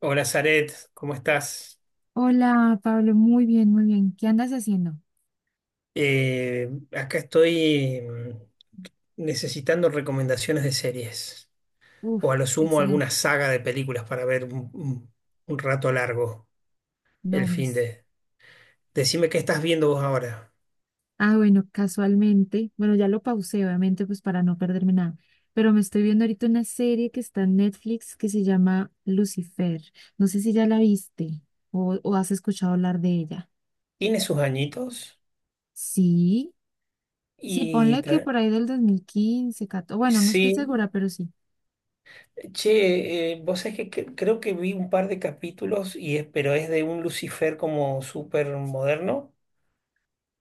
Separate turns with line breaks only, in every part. Hola, Zaret, ¿cómo estás?
Hola, Pablo, muy bien, muy bien. ¿Qué andas haciendo?
Eh, Acá estoy necesitando recomendaciones de series
Uf,
o a lo sumo
excelente.
alguna saga de películas para ver un rato largo el
No,
fin
pues.
de Decime qué estás viendo vos ahora.
Ah, bueno, casualmente, bueno, ya lo pausé, obviamente, pues para no perderme nada, pero me estoy viendo ahorita una serie que está en Netflix que se llama Lucifer. No sé si ya la viste o has escuchado hablar de ella.
Tiene sus añitos
Sí, sí,
y
ponle que por ahí del 2015, 14, bueno, no estoy
Sí,
segura, pero sí.
che, vos sabés que creo que vi un par de capítulos, pero es de un Lucifer como súper moderno.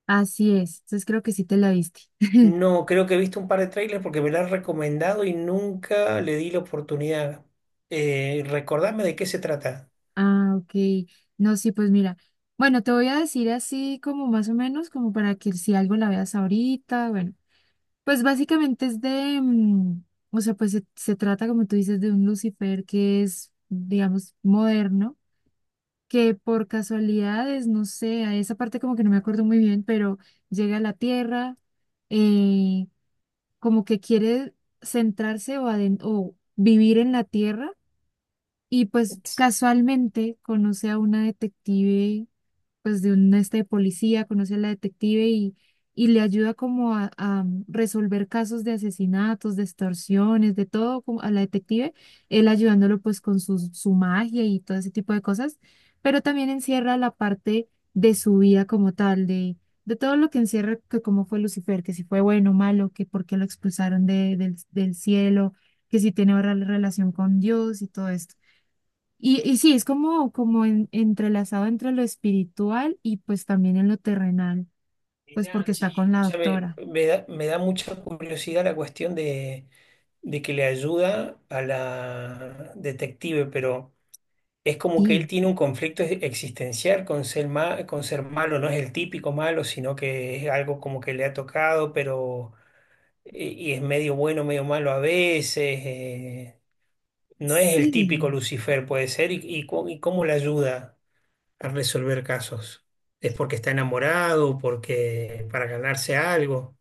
Así es, entonces creo que sí te la viste.
No, creo que he visto un par de trailers porque me la han recomendado y nunca le di la oportunidad. Recordame de qué se trata.
Ah, ok. No, sí, pues mira. Bueno, te voy a decir así como más o menos, como para que si algo la veas ahorita, bueno. Pues básicamente es de, o sea, pues se trata, como tú dices, de un Lucifer que es, digamos, moderno, que por casualidades, no sé, a esa parte como que no me acuerdo muy bien, pero llega a la Tierra, eh, como que quiere centrarse o vivir en la Tierra y pues casualmente conoce a una detective, pues de un este de policía, conoce a la detective y le ayuda como a resolver casos de asesinatos, de extorsiones, de todo como a la detective, él ayudándolo pues con su magia y todo ese tipo de cosas, pero también encierra la parte de su vida como tal, de todo lo que encierra, que cómo fue Lucifer, que si fue bueno, malo, que por qué lo expulsaron del cielo, que si tiene ahora relación con Dios y todo esto. Y sí, es como entrelazado entre lo espiritual y pues también en lo terrenal, pues
Mirá,
porque
che,
está
y
con la
escúchame,
doctora.
me da mucha curiosidad la cuestión de que le ayuda a la detective, pero es como que él
Sí.
tiene un conflicto existencial con ser malo, no es el típico malo, sino que es algo como que le ha tocado, pero y es medio bueno, medio malo a veces. No es el típico
Sí,
Lucifer, puede ser, y cómo le ayuda a resolver casos. ¿Es porque está enamorado, porque para ganarse algo?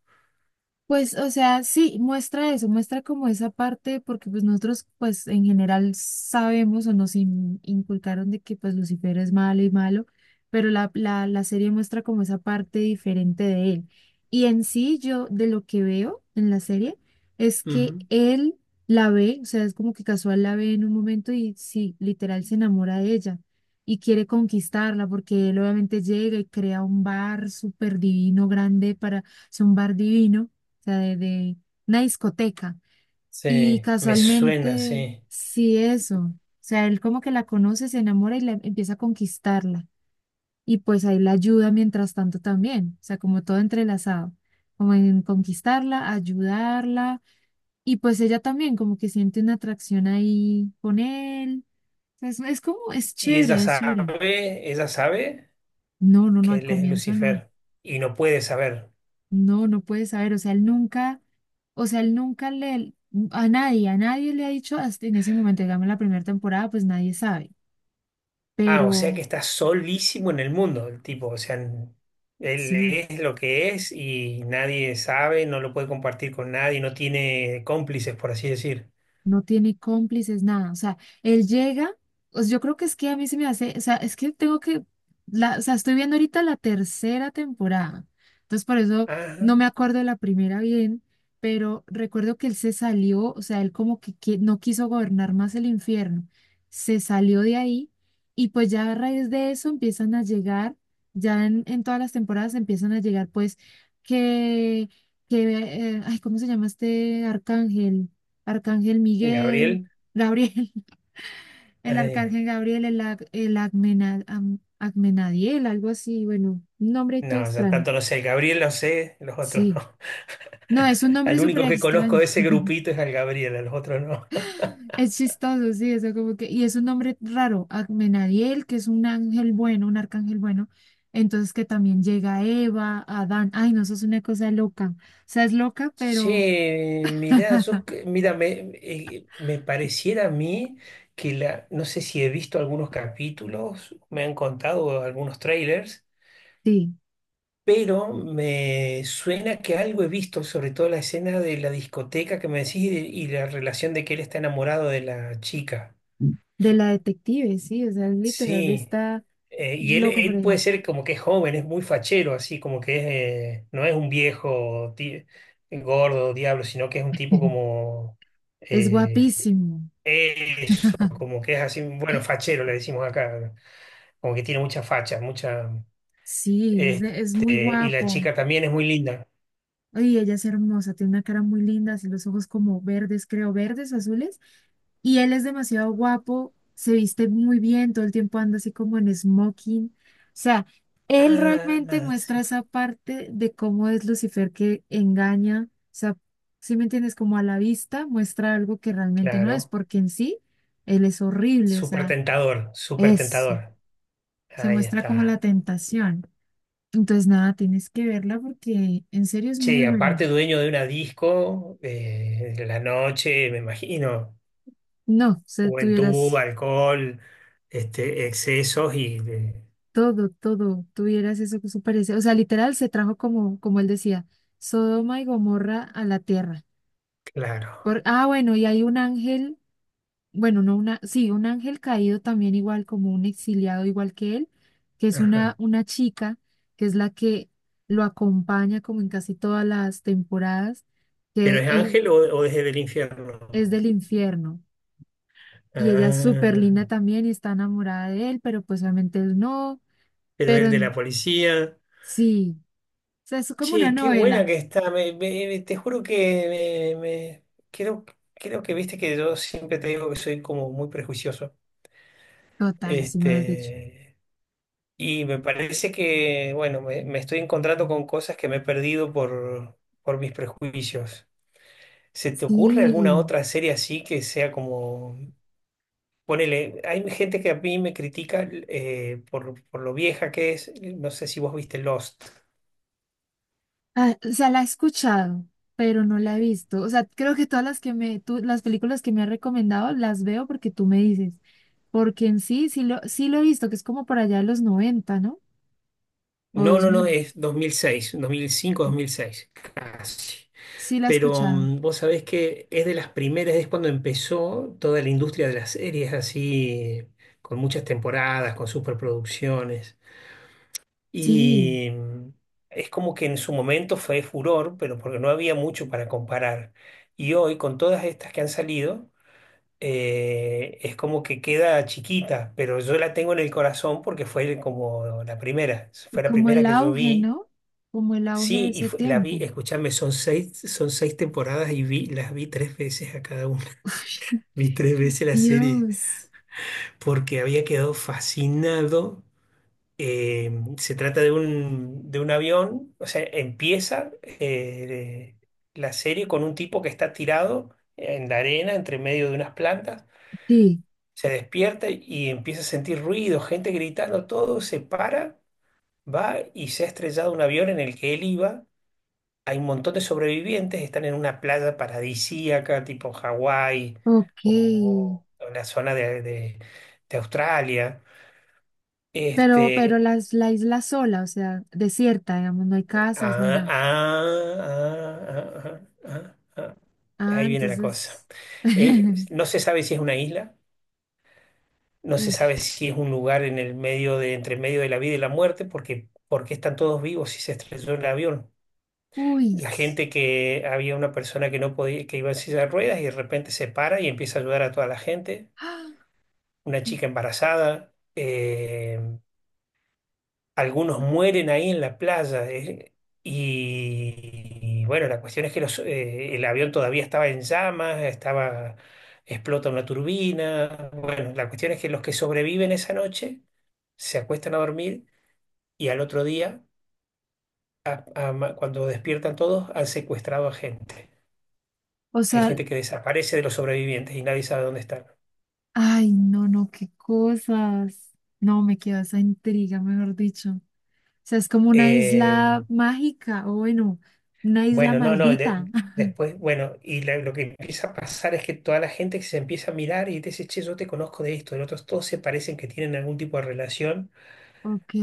pues, o sea, sí, muestra eso, muestra como esa parte, porque pues nosotros pues en general sabemos o nos inculcaron de que pues Lucifer es malo y malo, pero la serie muestra como esa parte diferente de él. Y en sí yo de lo que veo en la serie es que
Ujú.
él la ve, o sea, es como que casual la ve en un momento y sí, literal se enamora de ella y quiere conquistarla porque él obviamente llega y crea un bar súper divino, grande para, es un bar divino, o sea, de una discoteca. Y
Sí, me suena,
casualmente,
sí.
sí, eso. O sea, él como que la conoce, se enamora y empieza a conquistarla. Y pues ahí la ayuda mientras tanto también. O sea, como todo entrelazado. Como en conquistarla, ayudarla. Y pues ella también como que siente una atracción ahí con él. O sea, es como, es
Y
chévere, es chévere.
ella sabe
No, no, no,
que
al
él es
comienzo no.
Lucifer y no puede saber.
No, no puede saber, o sea, él nunca, o sea, él nunca le, a nadie le ha dicho, hasta en ese momento, digamos, la primera temporada, pues nadie sabe,
Ah, o sea
pero
que está solísimo en el mundo el tipo, o sea, él
sí.
es lo que es y nadie sabe, no lo puede compartir con nadie, no tiene cómplices, por así decir.
No tiene cómplices, nada. O sea, él llega, pues yo creo que es que a mí se me hace, o sea, es que tengo que, la, o sea, estoy viendo ahorita la tercera temporada. Entonces, por eso no
Ah,
me acuerdo de la primera bien, pero recuerdo que él se salió, o sea, él como que, no quiso gobernar más el infierno. Se salió de ahí y pues ya a raíz de eso empiezan a llegar, ya en todas las temporadas empiezan a llegar pues que, que, ay, ¿cómo se llama este arcángel? Arcángel Miguel,
Gabriel.
Gabriel, el
Eh,
Arcángel Gabriel, el Agmenadiel, algo así, bueno, un nombre y todo
no, yo
extraño.
tanto no sé. El Gabriel lo sé, los otros no.
Sí. No, es un nombre
Al
súper
único que conozco
extraño.
de ese grupito es al Gabriel, a los otros no.
Es chistoso, sí, eso como que, y es un nombre raro, Agmenadiel, que es un ángel bueno, un arcángel bueno. Entonces que también llega Eva, Adán. Ay, no, eso es una cosa loca. O sea, es loca, pero
Che, mirá, yo, mira, me pareciera a mí que la, no sé si he visto algunos capítulos, me han contado algunos trailers,
sí,
pero me suena que algo he visto, sobre todo la escena de la discoteca que me decís y la relación de que él está enamorado de la chica.
de la detective, sí, o sea, literal
Sí.
está
Y él,
loco por
él puede
allá.
ser como que es joven, es muy fachero, así como que no es un viejo gordo, diablo, sino que es un tipo como
Es
eh,
guapísimo.
eso, como que es así, bueno, fachero le decimos acá, como que tiene mucha facha, mucha,
Sí, es muy
este, y la
guapo.
chica también es muy linda.
Oye, ella es hermosa, tiene una cara muy linda, así los ojos como verdes, creo, verdes, azules. Y él es demasiado guapo, se viste muy bien, todo el tiempo anda así como en smoking. O sea, él realmente
Ah,
muestra
sí,
esa parte de cómo es Lucifer que engaña. O sea, si me entiendes, como a la vista muestra algo que realmente no es,
claro,
porque en sí él es horrible, o
súper
sea,
tentador, súper
es,
tentador.
se
Ahí
muestra como la
está.
tentación. Entonces, nada, tienes que verla porque en serio es muy
Che,
buena.
aparte dueño de una disco, de la noche, me imagino.
No, o sea,
Juventud,
tuvieras
alcohol, este, excesos y
todo, todo, tuvieras eso que se parece. O sea, literal se trajo como él decía, Sodoma y Gomorra a la tierra.
claro.
Por, ah, bueno, y hay un ángel, bueno, no una, sí, un ángel caído también igual, como un exiliado igual que él, que es una,
Ajá.
una chica, que es la que lo acompaña como en casi todas las temporadas,
¿Pero
que
es
es,
ángel o, desde el infierno?
es del infierno. Y ella es súper
Ah,
linda también y está enamorada de él, pero pues obviamente él no.
pero
Pero
el de la policía.
sí, o sea, es como una
Che, qué buena
novela.
que está. Te juro que creo, creo que viste que yo siempre te digo que soy como muy prejuicioso.
Total, si me lo has dicho.
Este, y me parece que, bueno, me estoy encontrando con cosas que me he perdido por mis prejuicios. ¿Se te ocurre alguna
Sí.
otra serie así que sea como, ponele, hay gente que a mí me critica por lo vieja que es, no sé si vos viste Lost.
Ah, o sea, la he escuchado, pero no la he visto. O sea, creo que todas las que me, tú, las películas que me has recomendado las veo porque tú me dices. Porque en sí, sí lo he visto, que es como por allá de los noventa, ¿no? O
No,
dos
no, no,
mil.
es dos mil seis 2005 2006 casi.
Sí la he
Pero
escuchado.
vos sabés que es de las primeras, es cuando empezó toda la industria de las series así, con muchas temporadas, con superproducciones.
Sí.
Y es como que en su momento fue furor, pero porque no había mucho para comparar. Y hoy, con todas estas que han salido, es como que queda chiquita, pero yo la tengo en el corazón porque fue como la primera.
Y
Fue la
como
primera
el
que yo
auge,
vi.
¿no? Como el auge de
Sí, y
ese
la vi,
tiempo.
escúchame, son seis temporadas y las vi tres veces a cada una. Vi tres veces la serie
Dios,
porque había quedado fascinado. Eh, Se trata de un avión, o sea, empieza la serie con un tipo que está tirado en la arena, entre medio de unas plantas,
sí,
se despierta y empieza a sentir ruido, gente gritando, todo, se para, va y se ha estrellado un avión en el que él iba. Hay un montón de sobrevivientes, están en una playa paradisíaca, tipo Hawái
ok.
o, la zona de Australia.
Pero
Este,
la isla sola, o sea, desierta, digamos, no hay casas, no hay
ah,
nada.
ah, ah, ah, ah, ah.
Ah,
Ahí viene la cosa.
entonces.
No se sabe si es una isla, no se
Uf,
sabe si es un lugar en el medio de, entre medio de la vida y la muerte, porque, están todos vivos si se estrelló el avión.
uy.
La gente que había una persona que no podía, que iba en silla de ruedas y de repente se para y empieza a ayudar a toda la gente.
Ah,
Una chica embarazada. Algunos mueren ahí en la playa. Y bueno, la cuestión es que el avión todavía estaba en llamas, estaba, explota una turbina. Bueno, la cuestión es que los que sobreviven esa noche se acuestan a dormir y al otro día, cuando despiertan todos, han secuestrado a gente.
o
Hay
sea,
gente que desaparece de los sobrevivientes y nadie sabe dónde están.
ay, no, no, qué cosas. No, me quedó esa intriga, mejor dicho. O sea, es como una
Eh,
isla mágica, o bueno, una isla
Bueno, no, no,
maldita.
después, bueno, y lo que empieza a pasar es que toda la gente que se empieza a mirar y te dice, che, yo te conozco de esto, de otros, todos se parecen que tienen algún tipo de relación
Ok.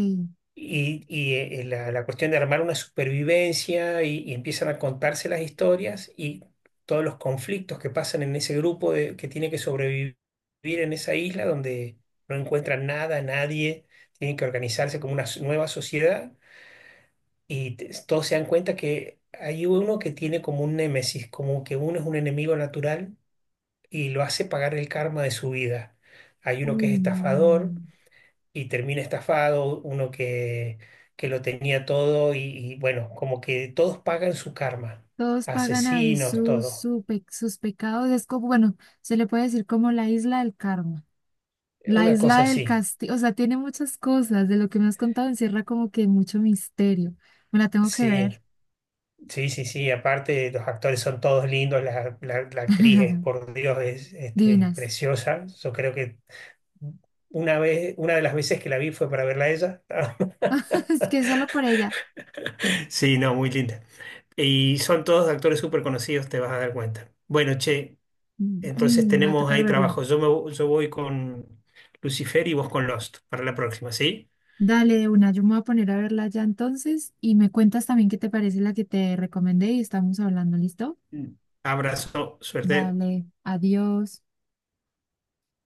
y, la cuestión de armar una supervivencia y empiezan a contarse las historias y todos los conflictos que pasan en ese grupo que tiene que sobrevivir en esa isla donde no encuentran nada, nadie, tienen que organizarse como una nueva sociedad y todos se dan cuenta que hay uno que tiene como un némesis, como que uno es un enemigo natural y lo hace pagar el karma de su vida. Hay uno que es
Uy, no, no, no, no.
estafador
No.
y termina estafado, uno que lo tenía todo y bueno, como que todos pagan su karma,
Todos pagan ahí
asesinos,
sus,
todo.
su pe- sus pecados. Es como, bueno, se le puede decir como la isla del karma, la
Una cosa
isla del
así,
castigo. O sea, tiene muchas cosas. De lo que me has contado encierra como que mucho misterio. Me la tengo que
sí.
ver.
Sí, sí, sí, aparte los actores son todos lindos, la actriz es, por Dios, es este,
Divinas.
preciosa, yo creo que. Una vez, una de las veces que la vi fue para verla a ella.
Es que solo por ella.
Sí, no, muy linda. Y son todos actores súper conocidos, te vas a dar cuenta. Bueno, che, entonces
Me va a
tenemos
tocar
ahí
verla.
trabajo. Yo voy con Lucifer y vos con Lost para la próxima, ¿sí?
Dale, de una, yo me voy a poner a verla ya entonces y me cuentas también qué te parece la que te recomendé y estamos hablando, ¿listo?
Mm. Abrazo, suerte.
Dale, adiós.